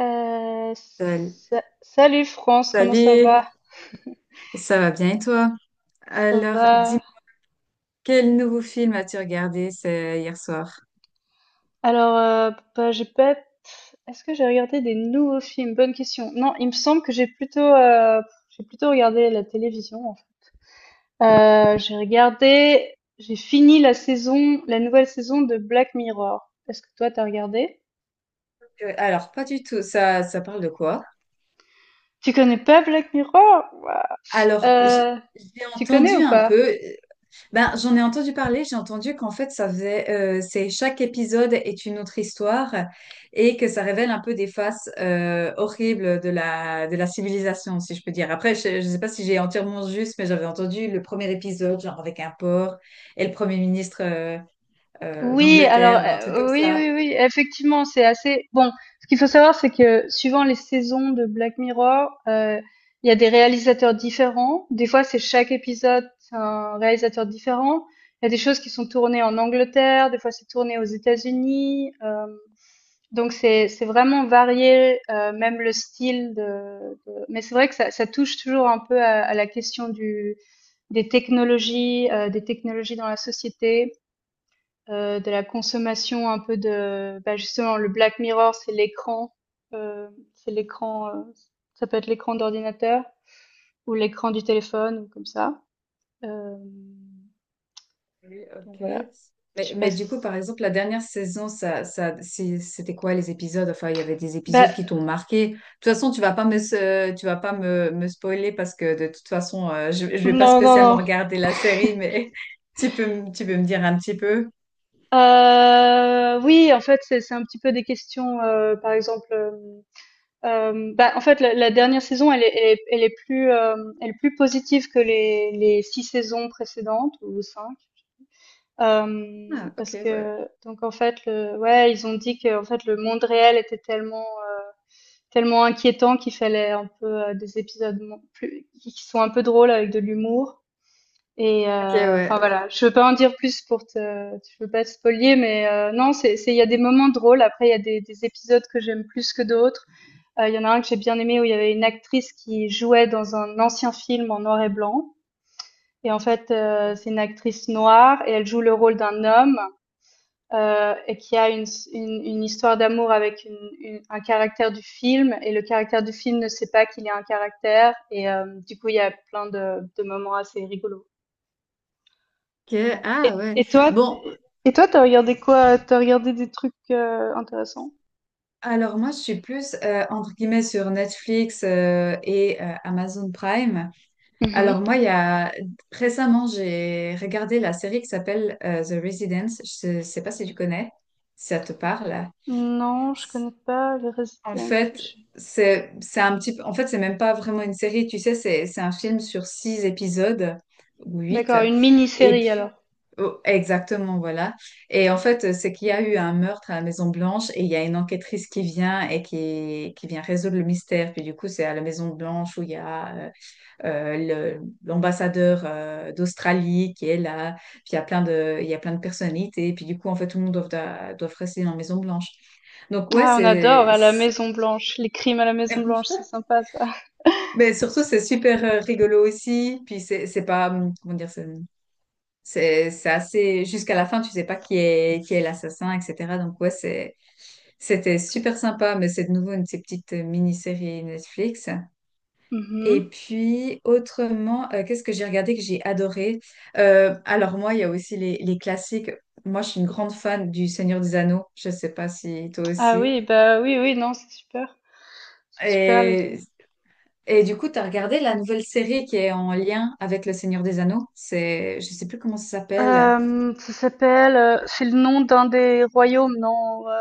Salut, Salut France, comment ça salut. va? Ça va bien, et toi? Ça Alors, va. dis-moi, quel nouveau film as-tu regardé c'est hier soir? Alors, euh, j'ai pas. Est-ce que j'ai regardé des nouveaux films? Bonne question. Non, il me semble que j'ai j'ai plutôt regardé la télévision en fait. Euh, j'ai regardé, j'ai fini la nouvelle saison de Black Mirror. Est-ce que toi t'as regardé? Alors, pas du tout, ça parle de quoi? Tu connais pas Black Mirror? Waouh. Alors, Euh, j'ai Tu connais entendu ou un pas? peu. Ben, j'en ai entendu parler, j'ai entendu qu'en fait, ça faisait, c'est chaque épisode est une autre histoire et que ça révèle un peu des faces horribles de la civilisation, si je peux dire. Après, je ne sais pas si j'ai entièrement juste, mais j'avais entendu le premier épisode, genre avec un porc et le premier ministre d'Angleterre ou un truc comme Oui, ça. oui, oui, effectivement, c'est assez bon. Ce qu'il faut savoir, c'est que suivant les saisons de Black Mirror, il y a des réalisateurs différents. Des fois, c'est chaque épisode, c'est un réalisateur différent. Il y a des choses qui sont tournées en Angleterre, des fois c'est tourné aux États-Unis, donc c'est vraiment varié, même le style de mais c'est vrai que ça touche toujours un peu à la question du des technologies, des technologies dans la société. De la consommation un peu de justement le Black Mirror, c'est heu, l'écran. Ça peut être l'écran d'ordinateur ou l'écran du téléphone ou comme ça. Hem, Oui, donc ok. voilà, je Mais, sais pas mais du coup, s par exemple, la dernière saison, ça, c'était quoi les épisodes? Enfin, il y avait des bah, épisodes qui t'ont marqué. De toute façon, tu vas pas me, se- tu vas pas me, me spoiler parce que de toute façon, je vais pas non, non, spécialement non. regarder la série, mais tu peux me dire un petit peu. Oui, en fait, c'est un petit peu des questions, par exemple, en fait, la dernière saison, elle est plus positive que les 6 saisons précédentes ou cinq. Ah, ok, Parce ouais. que donc en fait le ouais ils ont dit que en fait le monde réel était tellement inquiétant qu'il fallait un peu des épisodes plus qui sont un peu drôles avec de l'humour. Ok, ouais. Enfin voilà, je veux pas te spoiler, non, c'est, il y a des moments drôles. Après il y a des épisodes que j'aime plus que d'autres. Il y en a un que j'ai bien aimé où il y avait une actrice qui jouait dans un ancien film en noir et blanc, et c'est une actrice noire et elle joue le rôle d'un homme et qui a une histoire d'amour avec un caractère du film, et le caractère du film ne sait pas qu'il y a un caractère, du coup, il y a plein de moments assez rigolos. Ok, Voilà. Et, ah ouais. et toi, Bon, et toi, t'as regardé quoi? T'as regardé des trucs intéressants? alors moi, je suis plus, entre guillemets, sur Netflix, et Amazon Prime. Alors Mhm. moi, il y a récemment, j'ai regardé la série qui s'appelle The Residence. Je ne sais pas si tu connais, si ça te parle. Non, je C'est- connais pas les En Resident. fait, c'est un petit peu. En fait, c'est même pas vraiment une série, tu sais, c'est un film sur six épisodes ou huit. D'accord, une Et mini-série alors. puis, oh, exactement, voilà. Et en fait, c'est qu'il y a eu un meurtre à la Maison Blanche et il y a une enquêtrice qui vient et qui vient résoudre le mystère. Puis du coup, c'est à la Maison Blanche où il y a euh, l'ambassadeur d'Australie qui est là, puis il y a plein de personnalités, et puis du coup, en fait, tout le monde doit rester dans la Maison Blanche. Donc, ouais, Ah, on adore c'est... à la c'est- Maison Blanche, les crimes à la Maison Blanche, c'est sympa ça. Mais surtout, c'est super rigolo aussi, puis c'est pas, comment dire, c'est assez. Jusqu'à la fin, tu sais pas qui est l'assassin, etc. Donc, ouais, c'était super sympa, mais c'est de nouveau une de ces petites mini-séries Netflix. Et Mhm. puis, autrement, qu'est-ce que j'ai regardé que j'ai adoré? Alors, moi, il y a aussi les classiques. Moi, je suis une grande fan du Seigneur des Anneaux. Je ne sais pas si toi Ah aussi. oui, bah oui, oui, non, c'est super. Et, et du coup, tu as regardé la nouvelle série qui est en lien avec le Seigneur des Anneaux. C'est, je sais plus comment ça s'appelle. Ça s'appelle, c'est le nom d'un des royaumes, non,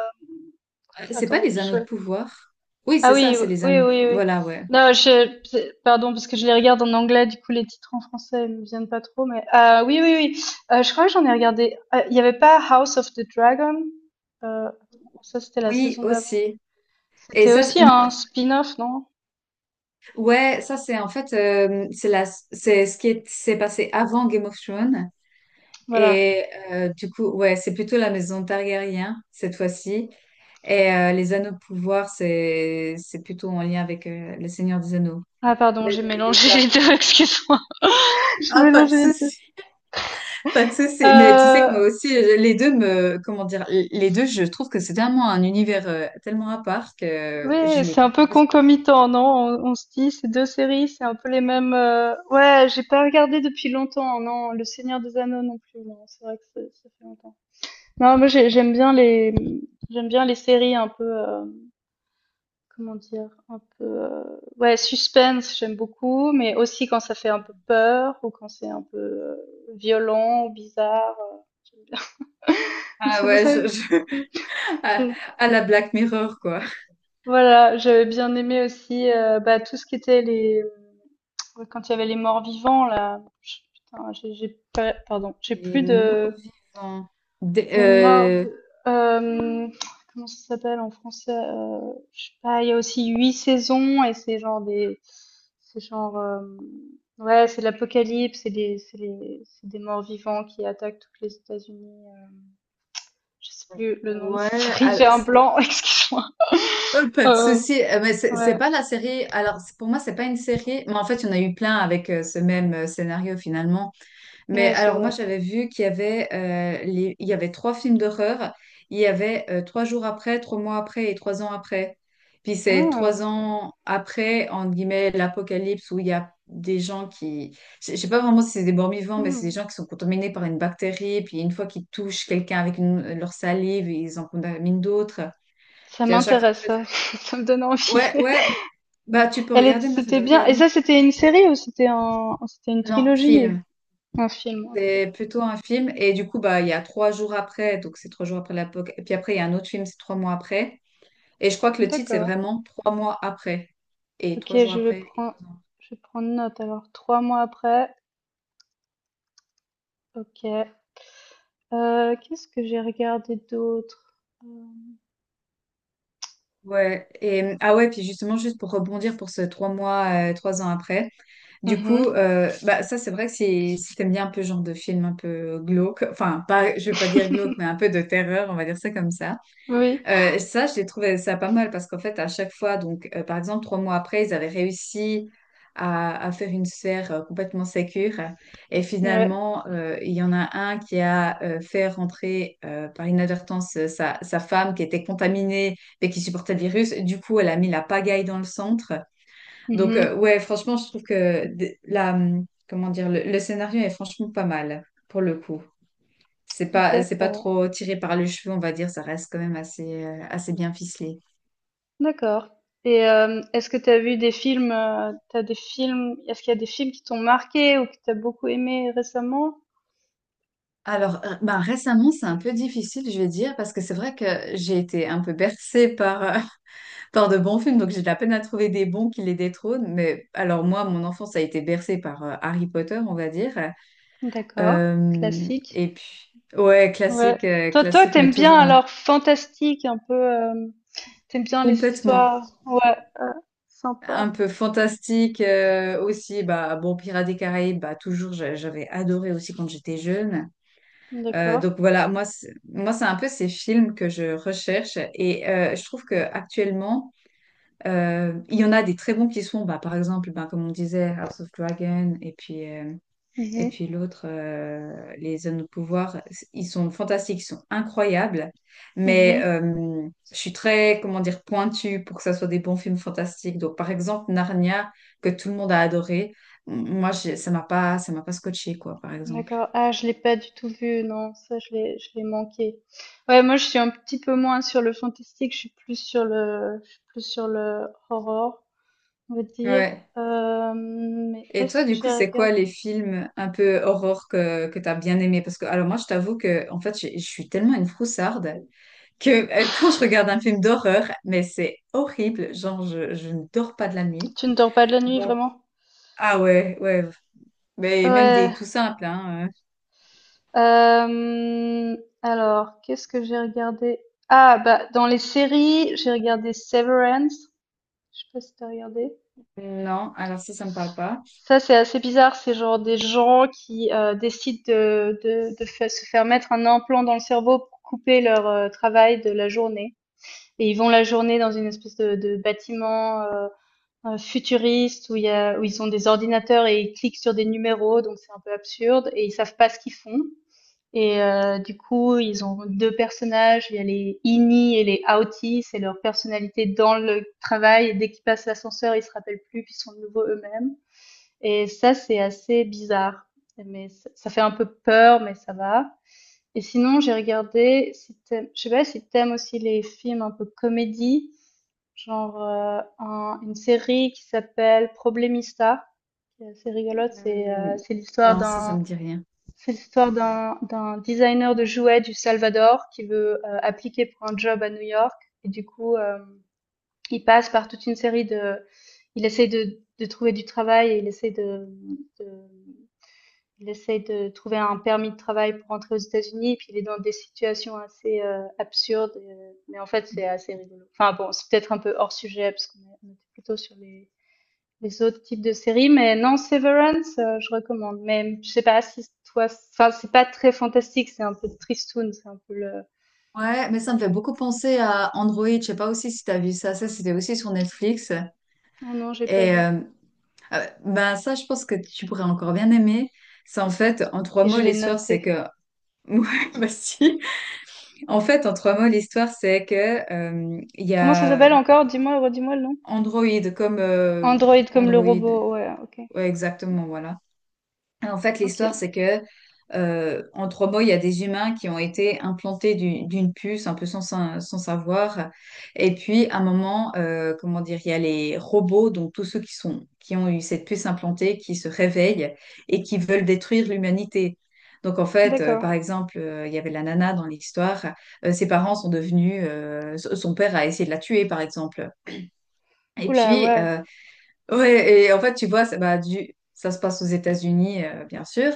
C'est pas attends, les Anneaux de je pouvoir. Oui, Ah c'est ça, oui, c'est les oui, Anneaux de oui, pouvoir. oui. Voilà, ouais. Non, je, c'est pardon, parce que je les regarde en anglais, du coup, les titres en français ne me viennent pas trop, mais oui, oui, oui, je crois que j'en ai regardé, il y n'y avait pas House of the Dragon? Attends, ça, c'était la Oui, saison d'avant. aussi. Et C'était ça, aussi non. un spin-off, non? Ouais, ça c'est en fait c'est ce qui s'est passé avant Game of Thrones. Voilà. Et du coup, ouais, c'est plutôt la maison Targaryen cette fois-ci. Et les anneaux de pouvoir, c'est plutôt en lien avec le Seigneur des Anneaux. Ah pardon, Mais j'ai dans les deux mélangé cas. les 2. Excuse-moi. J'ai Ah, pas de mélangé les 2. souci. Pas de souci. Mais tu sais que moi Heu aussi, les deux me, comment dire, les deux, je trouve que c'est tellement un univers tellement à part que je Ouais, les. c'est un peu concomitant, non? On se dit, ces deux séries, c'est un peu les mêmes. Ouais, j'ai pas regardé depuis longtemps, non? Le Seigneur des Anneaux non plus, non. C'est vrai que c'est- Ça fait longtemps. Non, moi j'aime bien les séries un peu, ouais, suspense, j'aime beaucoup, mais aussi quand ça fait un peu peur ou quand c'est un peu violent ou bizarre. J'aime bien. Donc Ah c'est pour ouais, ça. À, Que à la Black Mirror quoi. Voilà, j'avais bien aimé aussi, tout ce qui était quand il y avait les morts-vivants là. Ch putain, j'ai pas pardon, j'ai Les plus morts de vivants. Des- les morts euh, vi hem, Comment ça s'appelle en français? Je sais pas, il y a aussi 8 saisons et c'est genre des, c'est genre, ouais, c'est l'apocalypse, c'est des morts-vivants qui attaquent toutes les États-Unis. Je sais plus le nom de cette ouais. série, j'ai un blanc, excuse-moi. Oh, pas de Heu, souci. Mais c'est ouais, pas la série. Alors, pour moi, c'est pas une série. Mais en fait, il y en a eu plein avec ce même scénario finalement. Mais ouais, c'est alors, moi, vrai. j'avais vu qu'il y avait, il y avait trois films d'horreur. Il y avait 3 jours après, 3 mois après et 3 ans après. Puis c'est trois Ah, ans après, entre guillemets, l'apocalypse où il y a des gens qui. Je sais pas vraiment si c'est des morts-vivants, mais c'est des mmh. gens qui sont contaminés par une bactérie. Puis une fois qu'ils touchent quelqu'un avec leur salive, ils en contaminent d'autres. Ça Puis à chaque fois. m'intéresse, ça. Ça me donne envie. Ouais, ouais, bah tu peux Elle est- regarder, moi c'était j'avais bien. Et regardé. ça, c'était une série ou c'était une Non, trilogie? film. Un film, ok. C'est plutôt un film. Et du coup, bah il y a 3 jours après, donc c'est 3 jours après la. Et puis après, il y a un autre film, c'est 3 mois après. Et je crois que le titre, c'est D'accord. vraiment 3 mois après. Et trois Ok, jours je vais après, et prendre, 3 ans. je vais prendre note. Alors, trois mois après, ok. Qu'est-ce que j'ai regardé d'autre? Euh, Ouais. Et ah ouais, puis justement, juste pour rebondir pour ce 3 mois, 3 ans après. Du coup, mhm. Bah, ça, c'est vrai que si t'aimes bien un peu ce genre de film un peu glauque, enfin, pas, je vais pas dire glauque, mais un peu de terreur, on va dire ça comme ça. Oui, Ça, j'ai trouvé ça pas mal parce qu'en fait, à chaque fois, donc, par exemple, 3 mois après, ils avaient réussi à faire une sphère complètement sécure. Et ouais. finalement, il y en a un qui a fait rentrer par inadvertance sa femme qui était contaminée mais qui supportait le virus. Du coup, elle a mis la pagaille dans le centre. Donc, Mhm. ouais, franchement, je trouve que comment dire, le scénario est franchement pas mal pour le coup. C'est pas D'accord. trop tiré par les cheveux, on va dire, ça reste quand même assez, assez bien ficelé. D'accord. Et est-ce que tu as vu des films, t'as des films, est-ce qu'il y a des films qui t'ont marqué ou que tu as beaucoup aimé récemment? Alors, ben, récemment, c'est un peu difficile, je vais dire, parce que c'est vrai que j'ai été un peu bercée par de bons films, donc j'ai de la peine à trouver des bons qui les détrônent. Mais alors, moi, mon enfance a été bercée par Harry Potter, on va dire. D'accord, classique. Et puis, ouais, Ouais. classique, Toi, classique, mais t'aimes bien toujours alors fantastique, un peu, t'aimes bien les complètement histoires. Ouais, un sympa. peu fantastique aussi bah bon Pirates des Caraïbes bah toujours j'avais adoré aussi quand j'étais jeune. D'accord. Donc voilà, moi, c'est un peu ces films que je recherche et je trouve que actuellement, il y en a des très bons qui sont, bah, par exemple, bah, comme on disait, House of Dragon et Mhm, puis l'autre, Les zones de Pouvoir, ils sont fantastiques, ils sont incroyables, mais mhm. Je suis très, comment dire, pointue pour que ça soit des bons films fantastiques. Donc par exemple, Narnia, que tout le monde a adoré, moi, ça m'a pas scotché, quoi, par exemple. D'accord. Ah, je l'ai pas du tout vu, non, ça, je l'ai manqué. Ouais, moi, je suis un petit peu moins sur le fantastique, je suis plus je suis plus sur le horror. On va dire, Ouais. hem, mais Et est-ce toi, que du coup, j'ai c'est quoi regardé? les films un peu horreur que t'as bien aimé? Parce que, alors moi, je t'avoue que, en fait, je suis tellement une froussarde que quand je regarde un film d'horreur, mais c'est horrible, genre, je ne dors pas de la nuit. Tu ne dors pas de la nuit, Donc, vraiment? ah ouais, ouais, mais même des Ouais. tout simples, hein. Hem, alors, qu'est-ce que j'ai regardé? Ah, bah, dans les séries, j'ai regardé Severance. Je sais pas si t'as regardé. Non, alors ça me parle pas. Ça, c'est assez bizarre. C'est genre des gens qui décident se faire mettre un implant dans le cerveau pour couper leur travail de la journée. Et ils vont la journée dans une espèce de bâtiment futuriste où il y a, où ils ont des ordinateurs et ils cliquent sur des numéros, donc c'est un peu absurde et ils savent pas ce qu'ils font. Et du coup, ils ont deux personnages, il y a les Ini et les Outi, c'est leur personnalité dans le travail, et dès qu'ils passent l'ascenseur, ils se rappellent plus puis ils sont de nouveau eux-mêmes. Et ça, c'est assez bizarre, mais ça fait un peu peur, mais ça va. Et sinon, j'ai regardé, si je sais pas si t'aimes aussi les films un peu comédie. Genre, un Une série qui s'appelle Problemista, qui est assez rigolote. Hum, Non, ça me dit rien. C'est l'histoire d'un designer de jouets du Salvador qui veut appliquer pour un job à New York et du coup, il passe par toute une série de, il essaie de trouver du travail et il essaie de il essaye de trouver un permis de travail pour rentrer aux États-Unis et puis il est dans des situations assez absurdes. Mais en fait, c'est assez rigolo. Enfin bon, c'est peut-être un peu hors sujet parce on était plutôt sur les autres types de séries. Mais non, Severance, je recommande. Mais je sais pas si toi, enfin c'est pas très fantastique, c'est un peu tristoun, c'est un peu le. Ouais, mais ça me fait beaucoup penser à Android. Je sais pas aussi si t'as vu ça. Ça, c'était aussi sur Netflix. Oh non, j'ai pas Et vu. euh, Ah ouais, bah ça, je pense que tu pourrais encore bien aimer. C'est en fait, en trois Ok, je mots, vais l'histoire, c'est noter. que. Ouais, bah si. En fait, en trois mots, l'histoire, c'est que il y Comment ça a s'appelle encore? Dis-moi, redis-moi le nom. Android comme Android comme le Android. robot. Ouais, ok, Ouais, exactement, voilà. En fait, l'histoire, ok, c'est que, en trois mots, il y a des humains qui ont été implantés d'une puce, un peu sans savoir. Et puis, à un moment, comment dire, il y a les robots, donc tous ceux qui sont, qui ont eu cette puce implantée, qui se réveillent et qui veulent détruire l'humanité. Donc, en fait, d'accord. par exemple, il y avait la nana dans l'histoire. Ses parents sont devenus, son père a essayé de la tuer, par exemple. Et Oula, puis, ouais. Ouais, et en fait, tu vois, ça, bah, ça se passe aux États-Unis, bien sûr.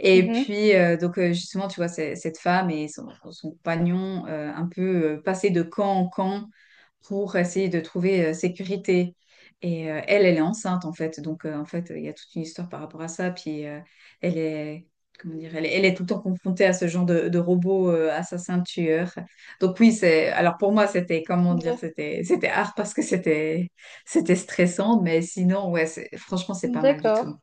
Et Mhm. puis, donc, justement, tu vois, cette femme et son compagnon, un peu passaient de camp en camp pour essayer de trouver sécurité. Elle, elle est enceinte, en fait. Donc, en fait, il y a toute une histoire par rapport à ça. Puis, elle est, comment dire, elle est tout le temps confrontée à ce genre de robot assassin tueur. Donc, oui, alors pour moi, c'était, comment dire, c'était hard parce que c'était stressant. Mais sinon, ouais, franchement, c'est pas mal du tout. D'accord.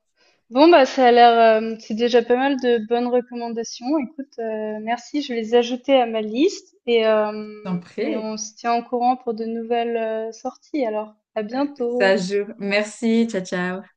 Bon, bah, ça a l'air, c'est déjà pas mal de bonnes recommandations. Écoute, merci, je vais les ajouter à ma liste et, J'en euh, et prie. on se tient au courant pour de nouvelles sorties. Alors, à Ça bientôt. joue. Merci. Ciao, ciao.